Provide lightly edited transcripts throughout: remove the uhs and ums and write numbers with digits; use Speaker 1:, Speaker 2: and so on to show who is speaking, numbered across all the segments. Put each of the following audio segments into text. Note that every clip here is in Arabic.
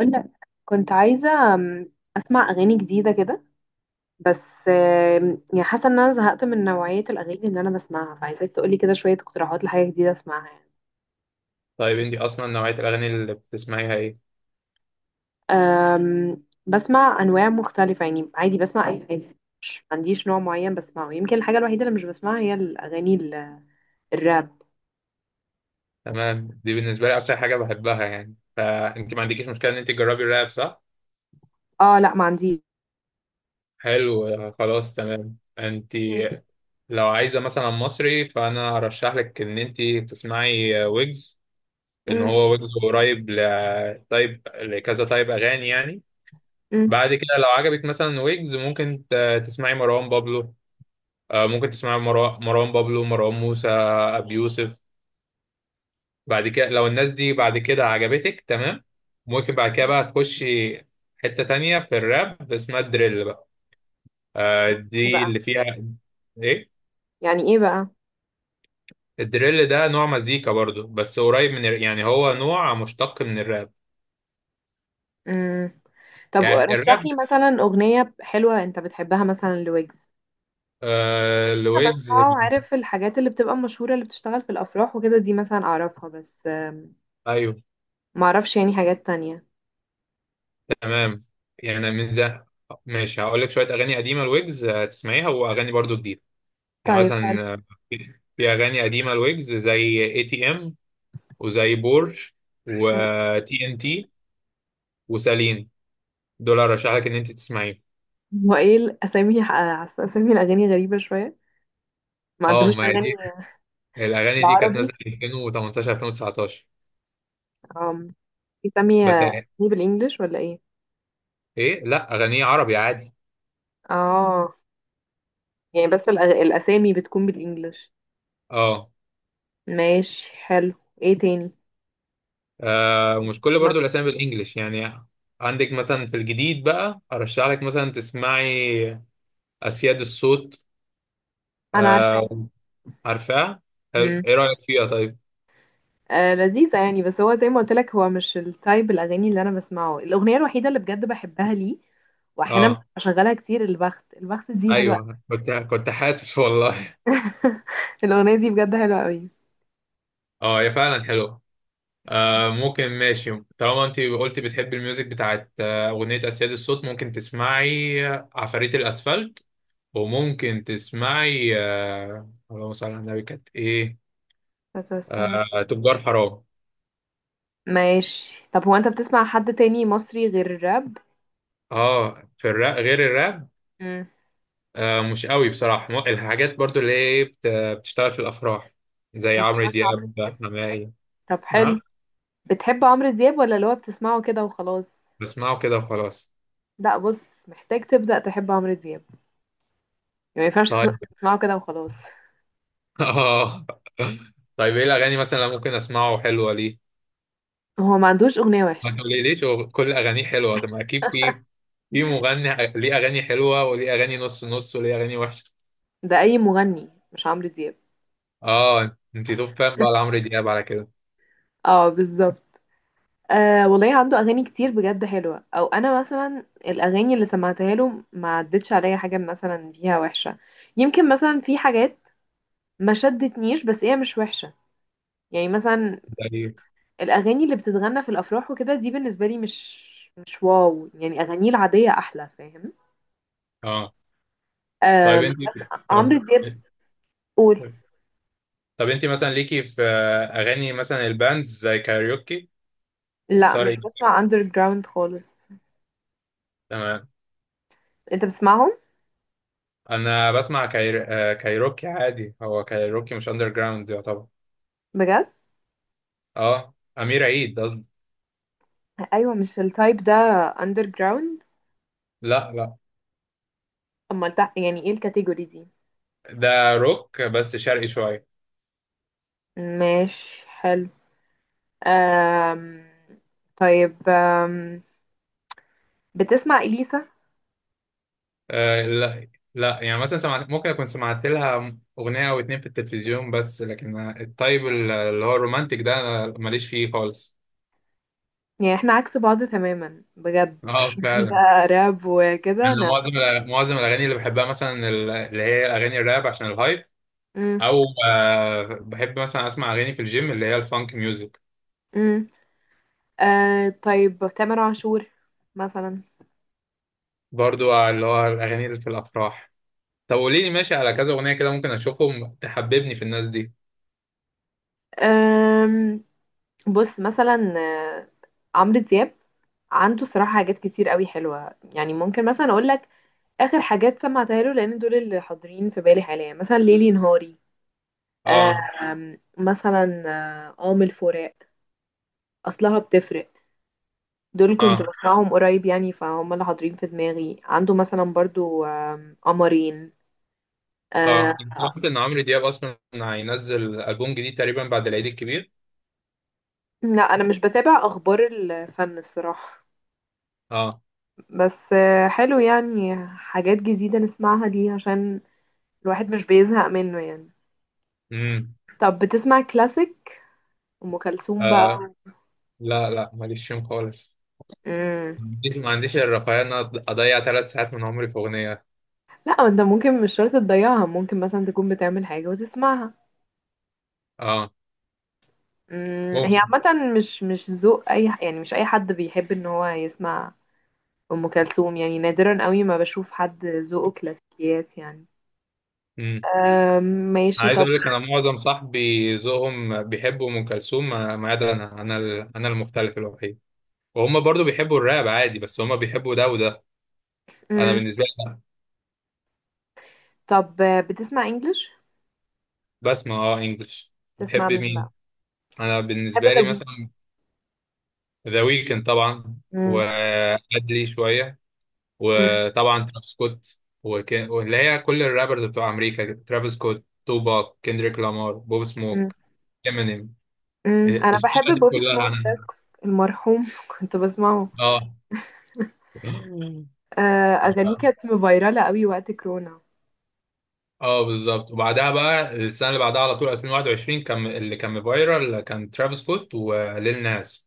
Speaker 1: قولك كنت عايزة أسمع أغاني جديدة كده، بس يعني حاسة إن أنا زهقت من نوعية الأغاني اللي أنا بسمعها، فعايزاك تقولي كده شوية اقتراحات لحاجة جديدة أسمعها يعني.
Speaker 2: طيب انت اصلا نوعية الاغاني اللي بتسمعيها ايه؟
Speaker 1: بسمع أنواع مختلفة يعني، عادي بسمع أي حاجة، ما عنديش نوع معين بسمعه. يمكن الحاجة الوحيدة اللي مش بسمعها هي الأغاني الراب.
Speaker 2: تمام، دي بالنسبة لي اكتر حاجة بحبها يعني، فانت ما عندكيش مشكلة ان انت تجربي الراب صح؟
Speaker 1: اه لا، ما عنديش.
Speaker 2: حلو. خلاص تمام. انت
Speaker 1: مم،
Speaker 2: لو عايزة مثلا مصري فانا ارشح لك ان انت تسمعي ويجز. ان
Speaker 1: مم،
Speaker 2: هو ويجز قريب طيب، لكذا طيب اغاني يعني.
Speaker 1: مم.
Speaker 2: بعد كده لو عجبك مثلا ويجز ممكن تسمعي مروان بابلو. ممكن تسمعي مروان بابلو، مروان موسى، ابي يوسف. بعد كده لو الناس دي بعد كده عجبتك تمام، ممكن بعد كده بقى تخشي حتة تانية في الراب اسمها الدريل بقى. آه
Speaker 1: يعني إيه
Speaker 2: دي
Speaker 1: بقى؟
Speaker 2: اللي فيها ايه.
Speaker 1: يعني إيه بقى
Speaker 2: الدريل ده نوع مزيكا برضو بس قريب من يعني هو نوع مشتق من الراب.
Speaker 1: مم. طب
Speaker 2: يعني
Speaker 1: رشح
Speaker 2: الراب.
Speaker 1: لي مثلا أغنية حلوة أنت بتحبها، مثلا لويجز.
Speaker 2: آه
Speaker 1: ويجز انا
Speaker 2: الويجز.
Speaker 1: بسمعه، عارف الحاجات اللي بتبقى مشهورة، اللي بتشتغل في الافراح وكده، دي مثلا اعرفها، بس
Speaker 2: ايوه
Speaker 1: ما اعرفش يعني حاجات تانية.
Speaker 2: تمام. يعني من زمان، ماشي هقول لك شوية اغاني قديمة الويجز، تسمعيها، واغاني برضو جديدة. يعني
Speaker 1: طيب حلو.
Speaker 2: مثلا في اغاني قديمة الويجز زي اي تي ام، وزي بور،
Speaker 1: مم.
Speaker 2: وتي ان تي، وساليني. دول ارشح لك ان انت تسمعيهم.
Speaker 1: هو ايه الاسامي؟ اسامي الاغاني غريبة شوية، ما
Speaker 2: اه
Speaker 1: عندهوش
Speaker 2: ما هي
Speaker 1: اغاني
Speaker 2: دي، الاغاني دي كانت
Speaker 1: بالعربي؟
Speaker 2: نازله 2018 2019.
Speaker 1: آم، بيسمي
Speaker 2: بس
Speaker 1: اسامي بالانجلش ولا ايه؟
Speaker 2: ايه، لا اغانيه عربي عادي.
Speaker 1: اه، يعني بس الاسامي بتكون بالانجلش.
Speaker 2: اه.
Speaker 1: ماشي حلو. ايه تاني
Speaker 2: ومش
Speaker 1: جديد
Speaker 2: كل برضو
Speaker 1: مثلا؟
Speaker 2: الاسامي بالانجلش يعني. عندك مثلا في الجديد بقى ارشح لك مثلا تسمعي اسياد الصوت.
Speaker 1: انا
Speaker 2: آه
Speaker 1: عارفاها.
Speaker 2: عارفاه. حلو،
Speaker 1: مم.
Speaker 2: ايه رايك فيها طيب؟
Speaker 1: آه لذيذة يعني، بس هو زي ما قلت لك، هو مش التايب الأغاني اللي أنا بسمعه. الأغنية الوحيدة اللي بجد بحبها ليه وأحيانا
Speaker 2: اه
Speaker 1: بشغلها كتير، البخت البخت دي حلوة أوي.
Speaker 2: ايوه، كنت حاسس والله.
Speaker 1: الأغنية دي بجد حلوة قوي.
Speaker 2: اه هي فعلا حلوه. آه ممكن ماشي، طالما انت قلتي بتحبي الميوزك بتاعت اغنية اسياد الصوت، ممكن تسمعي عفاريت الاسفلت، وممكن تسمعي آه اللهم صل على النبي كانت ايه،
Speaker 1: السلام.
Speaker 2: آه تجار حرام.
Speaker 1: ماشي، طب هو أنت بتسمع حد تاني مصري غير الراب؟
Speaker 2: اه في الراب. غير الراب
Speaker 1: مم.
Speaker 2: آه مش قوي بصراحة. الحاجات برضو اللي هي إيه، بتشتغل في الافراح زي
Speaker 1: ما
Speaker 2: عمرو
Speaker 1: بتسمعش عمرو
Speaker 2: دياب،
Speaker 1: دياب؟
Speaker 2: حماقي.
Speaker 1: طب
Speaker 2: نعم.
Speaker 1: حلو. بتحب عمرو دياب ولا اللي هو بتسمعه كده وخلاص؟
Speaker 2: بسمعه كده وخلاص.
Speaker 1: لا بص، محتاج تبدأ تحب عمرو دياب يعني، ما ينفعش
Speaker 2: طيب.
Speaker 1: تسمعه كده وخلاص.
Speaker 2: اه. طيب ايه الاغاني مثلا اللي ممكن اسمعه حلوة ليه؟
Speaker 1: هو ما عندوش أغنية
Speaker 2: ما
Speaker 1: وحشة؟
Speaker 2: تقوليليش هو كل اغانيه حلوه، طب ما اكيد في في مغني ليه اغاني حلوه وليه اغاني نص نص وليه اغاني وحشه.
Speaker 1: ده أي مغني مش عمرو دياب.
Speaker 2: اه انت توب فان بقى لعمرو دياب على كده.
Speaker 1: اه بالظبط. آه والله عنده اغاني كتير بجد حلوه، او انا مثلا الاغاني اللي سمعتها له ما عدتش عليا حاجه مثلا فيها وحشه. يمكن مثلا في حاجات ما شدتنيش، بس هي مش وحشه. يعني مثلا
Speaker 2: زي.
Speaker 1: الاغاني اللي بتتغنى في الافراح وكده دي، بالنسبه لي مش واو يعني، اغانيه العاديه احلى، فاهم؟
Speaker 2: اه طيب
Speaker 1: آه
Speaker 2: انت،
Speaker 1: عمرو
Speaker 2: طب.
Speaker 1: دياب، قول.
Speaker 2: طب انت مثلا ليكي في اغاني مثلا الباندز زي كايروكي
Speaker 1: لا
Speaker 2: ومسار
Speaker 1: مش
Speaker 2: إجرام؟
Speaker 1: بسمع اندر جراوند خالص.
Speaker 2: تمام.
Speaker 1: انت بتسمعهم؟
Speaker 2: انا بسمع كايروكي عادي. هو كايروكي مش اندر جراوند يعتبر.
Speaker 1: بجد؟
Speaker 2: اه امير عيد قصدي.
Speaker 1: ايوه، مش التايب ده اندر جراوند؟
Speaker 2: لا لا،
Speaker 1: امال ده يعني ايه الكاتيجوري دي؟
Speaker 2: ده روك بس شرقي شويه.
Speaker 1: ماشي حلو. أم... طيب، بتسمع إليسا؟
Speaker 2: آه لا. لا يعني مثلا سمعت، ممكن اكون سمعت لها اغنيه او اتنين في التلفزيون، بس لكن الطيب اللي هو الرومانتك ده أنا ماليش فيه خالص.
Speaker 1: يعني احنا عكس بعض تماما بجد.
Speaker 2: اه
Speaker 1: انت
Speaker 2: فعلا.
Speaker 1: راب وكده،
Speaker 2: انا
Speaker 1: انا.
Speaker 2: معظم الاغاني اللي بحبها مثلا، اللي هي اغاني الراب عشان الهايب.
Speaker 1: مم.
Speaker 2: او آه بحب مثلا اسمع اغاني في الجيم اللي هي الفانك ميوزك.
Speaker 1: مم. طيب تامر عاشور مثلا؟
Speaker 2: برضو اللي هو الاغاني اللي في الافراح. طب قولي لي ماشي على كذا اغنيه كده ممكن اشوفهم تحببني في الناس دي.
Speaker 1: أم... بص مثلا، عمرو دياب عنده صراحة حاجات كتير قوي حلوة يعني، ممكن مثلا اقول لك اخر حاجات سمعتها له، لان دول اللي حاضرين في بالي حاليا، مثلا ليلي نهاري.
Speaker 2: اه.
Speaker 1: مثلا قام الفراق، أصلها بتفرق، دول كنت
Speaker 2: اه.
Speaker 1: باسمعهم قريب يعني، فهُم اللي حاضرين في دماغي. عنده مثلًا برضه قمرين.
Speaker 2: اه انا
Speaker 1: آآ
Speaker 2: سمعت ان عمرو دياب اصلا هينزل البوم جديد تقريبا بعد العيد الكبير.
Speaker 1: لأ أنا مش باتابع أخبار الفن الصراحة،
Speaker 2: اه.
Speaker 1: بس حلو يعني حاجات جديدة نسمعها دي، عشان الواحد مش بيزهق منه يعني.
Speaker 2: امم.
Speaker 1: طب بتسمع classic أم كلثوم
Speaker 2: آه.
Speaker 1: بقى؟
Speaker 2: لا لا ماليش فيهم خالص.
Speaker 1: إمم،
Speaker 2: ما عنديش الرفاهيه ان أنا اضيع 3 ساعات من عمري في اغنيه.
Speaker 1: لأ ما أنت ممكن مش شرط تضيّعها، ممكن مثلًا تكون بتعمل حاجة وتسمعها.
Speaker 2: اه
Speaker 1: هي
Speaker 2: ممكن.
Speaker 1: عامةً مش ذوق أي ح يعني، مش أي حد بيحب إن هو يسمع ام كلثوم يعني، نادرا قوي ما بشوف حد ذوقه كلاسيكيات يعني.
Speaker 2: امم.
Speaker 1: ماشي
Speaker 2: عايز
Speaker 1: طب.
Speaker 2: اقول لك، انا معظم صاحبي ذوقهم بيحبوا ام كلثوم، ما عدا انا. انا المختلف الوحيد. وهم برضو بيحبوا الراب عادي بس هم بيحبوا ده وده. انا
Speaker 1: مم.
Speaker 2: بالنسبه لي.
Speaker 1: طب بتسمع انجلش؟
Speaker 2: بسمع اه انجلش.
Speaker 1: تسمع
Speaker 2: بتحب
Speaker 1: مين
Speaker 2: مين؟
Speaker 1: بقى؟
Speaker 2: انا
Speaker 1: بحب
Speaker 2: بالنسبه
Speaker 1: ذا
Speaker 2: لي
Speaker 1: ويك.
Speaker 2: مثلا ذا ويكند طبعا،
Speaker 1: مم.
Speaker 2: وأدلي شوية،
Speaker 1: مم.
Speaker 2: وطبعا ترافيس سكوت، واللي هي كل الرابرز بتوع أمريكا، ترافيس سكوت، توباك، كيندريك لامار، بوب
Speaker 1: مم.
Speaker 2: سموك، امينيم.
Speaker 1: مم. انا بحب
Speaker 2: الشبكة دي
Speaker 1: بوب
Speaker 2: كلها
Speaker 1: سموك ده،
Speaker 2: أنا.
Speaker 1: المرحوم. كنت بسمعه،
Speaker 2: اه.
Speaker 1: اغانيه كانت مفيرالة قوي وقت كورونا.
Speaker 2: اه بالظبط. وبعدها بقى السنة اللي بعدها على طول 2021 كان اللي كان فايرال كان ترافيس سكوت وليل ناس.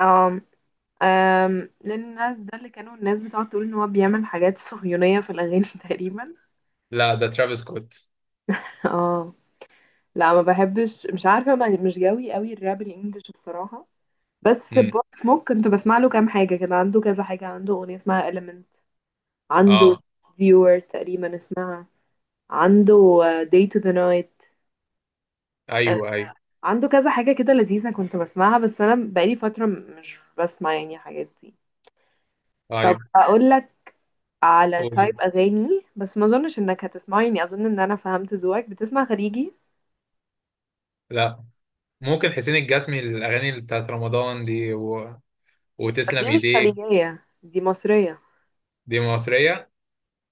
Speaker 1: آم، للناس ده اللي كانوا الناس بتقعد تقول ان هو بيعمل حاجات صهيونية في الاغاني تقريبا.
Speaker 2: لا ده ترافيس سكوت.
Speaker 1: اه لا، ما بحبش، مش عارفة، مش جوي قوي الراب الانجليش الصراحة. بس
Speaker 2: امم.
Speaker 1: بوب سموك كنت بسمع له كام حاجة، كان عنده كذا حاجة. عنده أغنية اسمها Element، عنده
Speaker 2: اه.
Speaker 1: Viewer تقريبا اسمها، عنده Day to the Night، آه،
Speaker 2: ايوه ايوه.
Speaker 1: عنده كذا حاجة كده لذيذة كنت بسمعها، بس أنا بقالي فترة مش بسمع يعني حاجات دي. طب
Speaker 2: ايوه
Speaker 1: أقول لك على
Speaker 2: قولي.
Speaker 1: تايب أغاني، بس ما أظنش إنك هتسمعه يعني، أظن إن أنا فهمت ذوقك. بتسمع خليجي؟
Speaker 2: لا. ممكن حسين الجسمي الاغاني اللي بتاعت رمضان دي و...
Speaker 1: بس
Speaker 2: وتسلم
Speaker 1: دي مش
Speaker 2: ايديك.
Speaker 1: خليجية، دي مصرية.
Speaker 2: دي مصريه.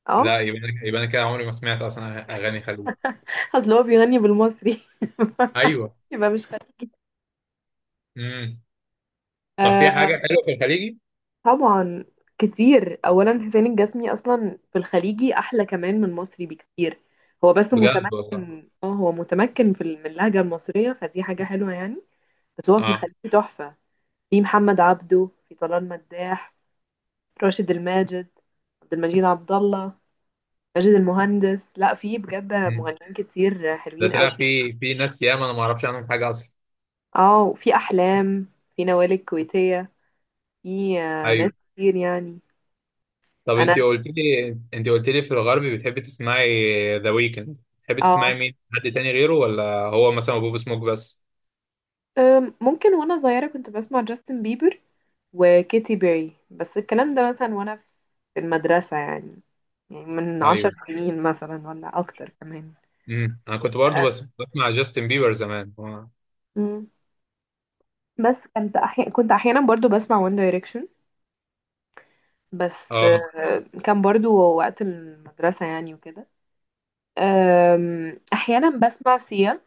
Speaker 1: اه.
Speaker 2: لا يبقى انا، كده عمري ما سمعت اصلا اغاني خليجي.
Speaker 1: أصل هو بيغني بالمصري.
Speaker 2: ايوه.
Speaker 1: يبقى مش خليجي.
Speaker 2: امم. طب في حاجه
Speaker 1: آه،
Speaker 2: حلوه في الخليجي؟
Speaker 1: طبعا كتير. اولا حسين الجسمي اصلا في الخليجي احلى كمان من المصري بكتير، هو بس
Speaker 2: بجد والله.
Speaker 1: متمكن. اه هو متمكن في من اللهجه المصريه، فدي حاجه حلوه يعني. بس هو في
Speaker 2: اه.
Speaker 1: الخليجي تحفه. في محمد عبده، في طلال مداح، راشد الماجد، عبد المجيد عبد الله، ماجد المهندس. لا في بجد
Speaker 2: مم.
Speaker 1: مغنيين كتير
Speaker 2: ده
Speaker 1: حلوين قوي.
Speaker 2: طلع في في ناس ياما انا ما اعرفش عنهم حاجه اصلا.
Speaker 1: اه وفي احلام، في نوال الكويتيه، في ناس
Speaker 2: ايوه.
Speaker 1: كتير يعني.
Speaker 2: طب
Speaker 1: انا
Speaker 2: انت قلت لي، في الغربي بتحبي تسمعي ذا ويكند، بتحبي تسمعي
Speaker 1: اه،
Speaker 2: مين حد تاني غيره ولا هو مثلا بوب سموك بس؟
Speaker 1: ممكن وانا صغيرة كنت بسمع جاستن بيبر وكيتي بيري، بس الكلام ده مثلا وانا في المدرسة يعني. يعني من عشر
Speaker 2: ايوه.
Speaker 1: سنين مثلا ولا اكتر كمان.
Speaker 2: انا كنت برضو
Speaker 1: أه.
Speaker 2: بس بسمع جاستن بيبر زمان اه.
Speaker 1: مم. بس كنت أحيانا، كنت احيانا برضو بسمع وان دايركشن، بس
Speaker 2: آه.
Speaker 1: كان برضو وقت المدرسة يعني وكده. احيانا بسمع سيا،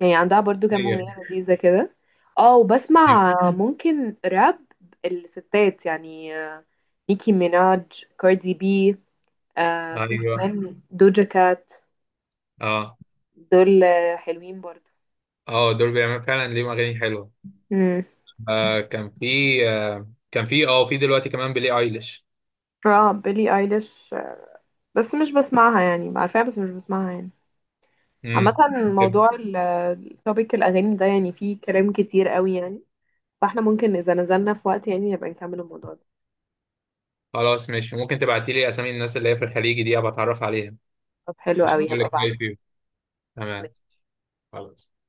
Speaker 1: يعني عندها برضو كام اغنية لذيذة كده. اه
Speaker 2: ايوه
Speaker 1: وبسمع ممكن راب الستات يعني، نيكي ميناج، كاردي بي، في
Speaker 2: ايوه.
Speaker 1: كمان دوجا كات.
Speaker 2: اه.
Speaker 1: دول حلوين برضو.
Speaker 2: اه دول بيعملوا فعلا ليهم اغاني حلوه.
Speaker 1: امم،
Speaker 2: آه كان في آه كان في اه في دلوقتي كمان بيلي ايليش.
Speaker 1: اه بيلي ايليش بس مش بسمعها يعني، عارفاها بس مش بسمعها يعني. عامة
Speaker 2: بحب.
Speaker 1: موضوع التوبيك الأغاني ده يعني فيه كلام كتير قوي يعني، فاحنا ممكن إذا نزلنا في وقت يعني نبقى نكمل الموضوع ده.
Speaker 2: خلاص ماشي، ممكن تبعتي لي اسامي الناس اللي هي في الخليج دي ابقى اتعرف عليها،
Speaker 1: طب حلو
Speaker 2: عشان
Speaker 1: قوي،
Speaker 2: اقول
Speaker 1: هبقى
Speaker 2: لك رايي فيهم. تمام.
Speaker 1: بعد
Speaker 2: خلاص.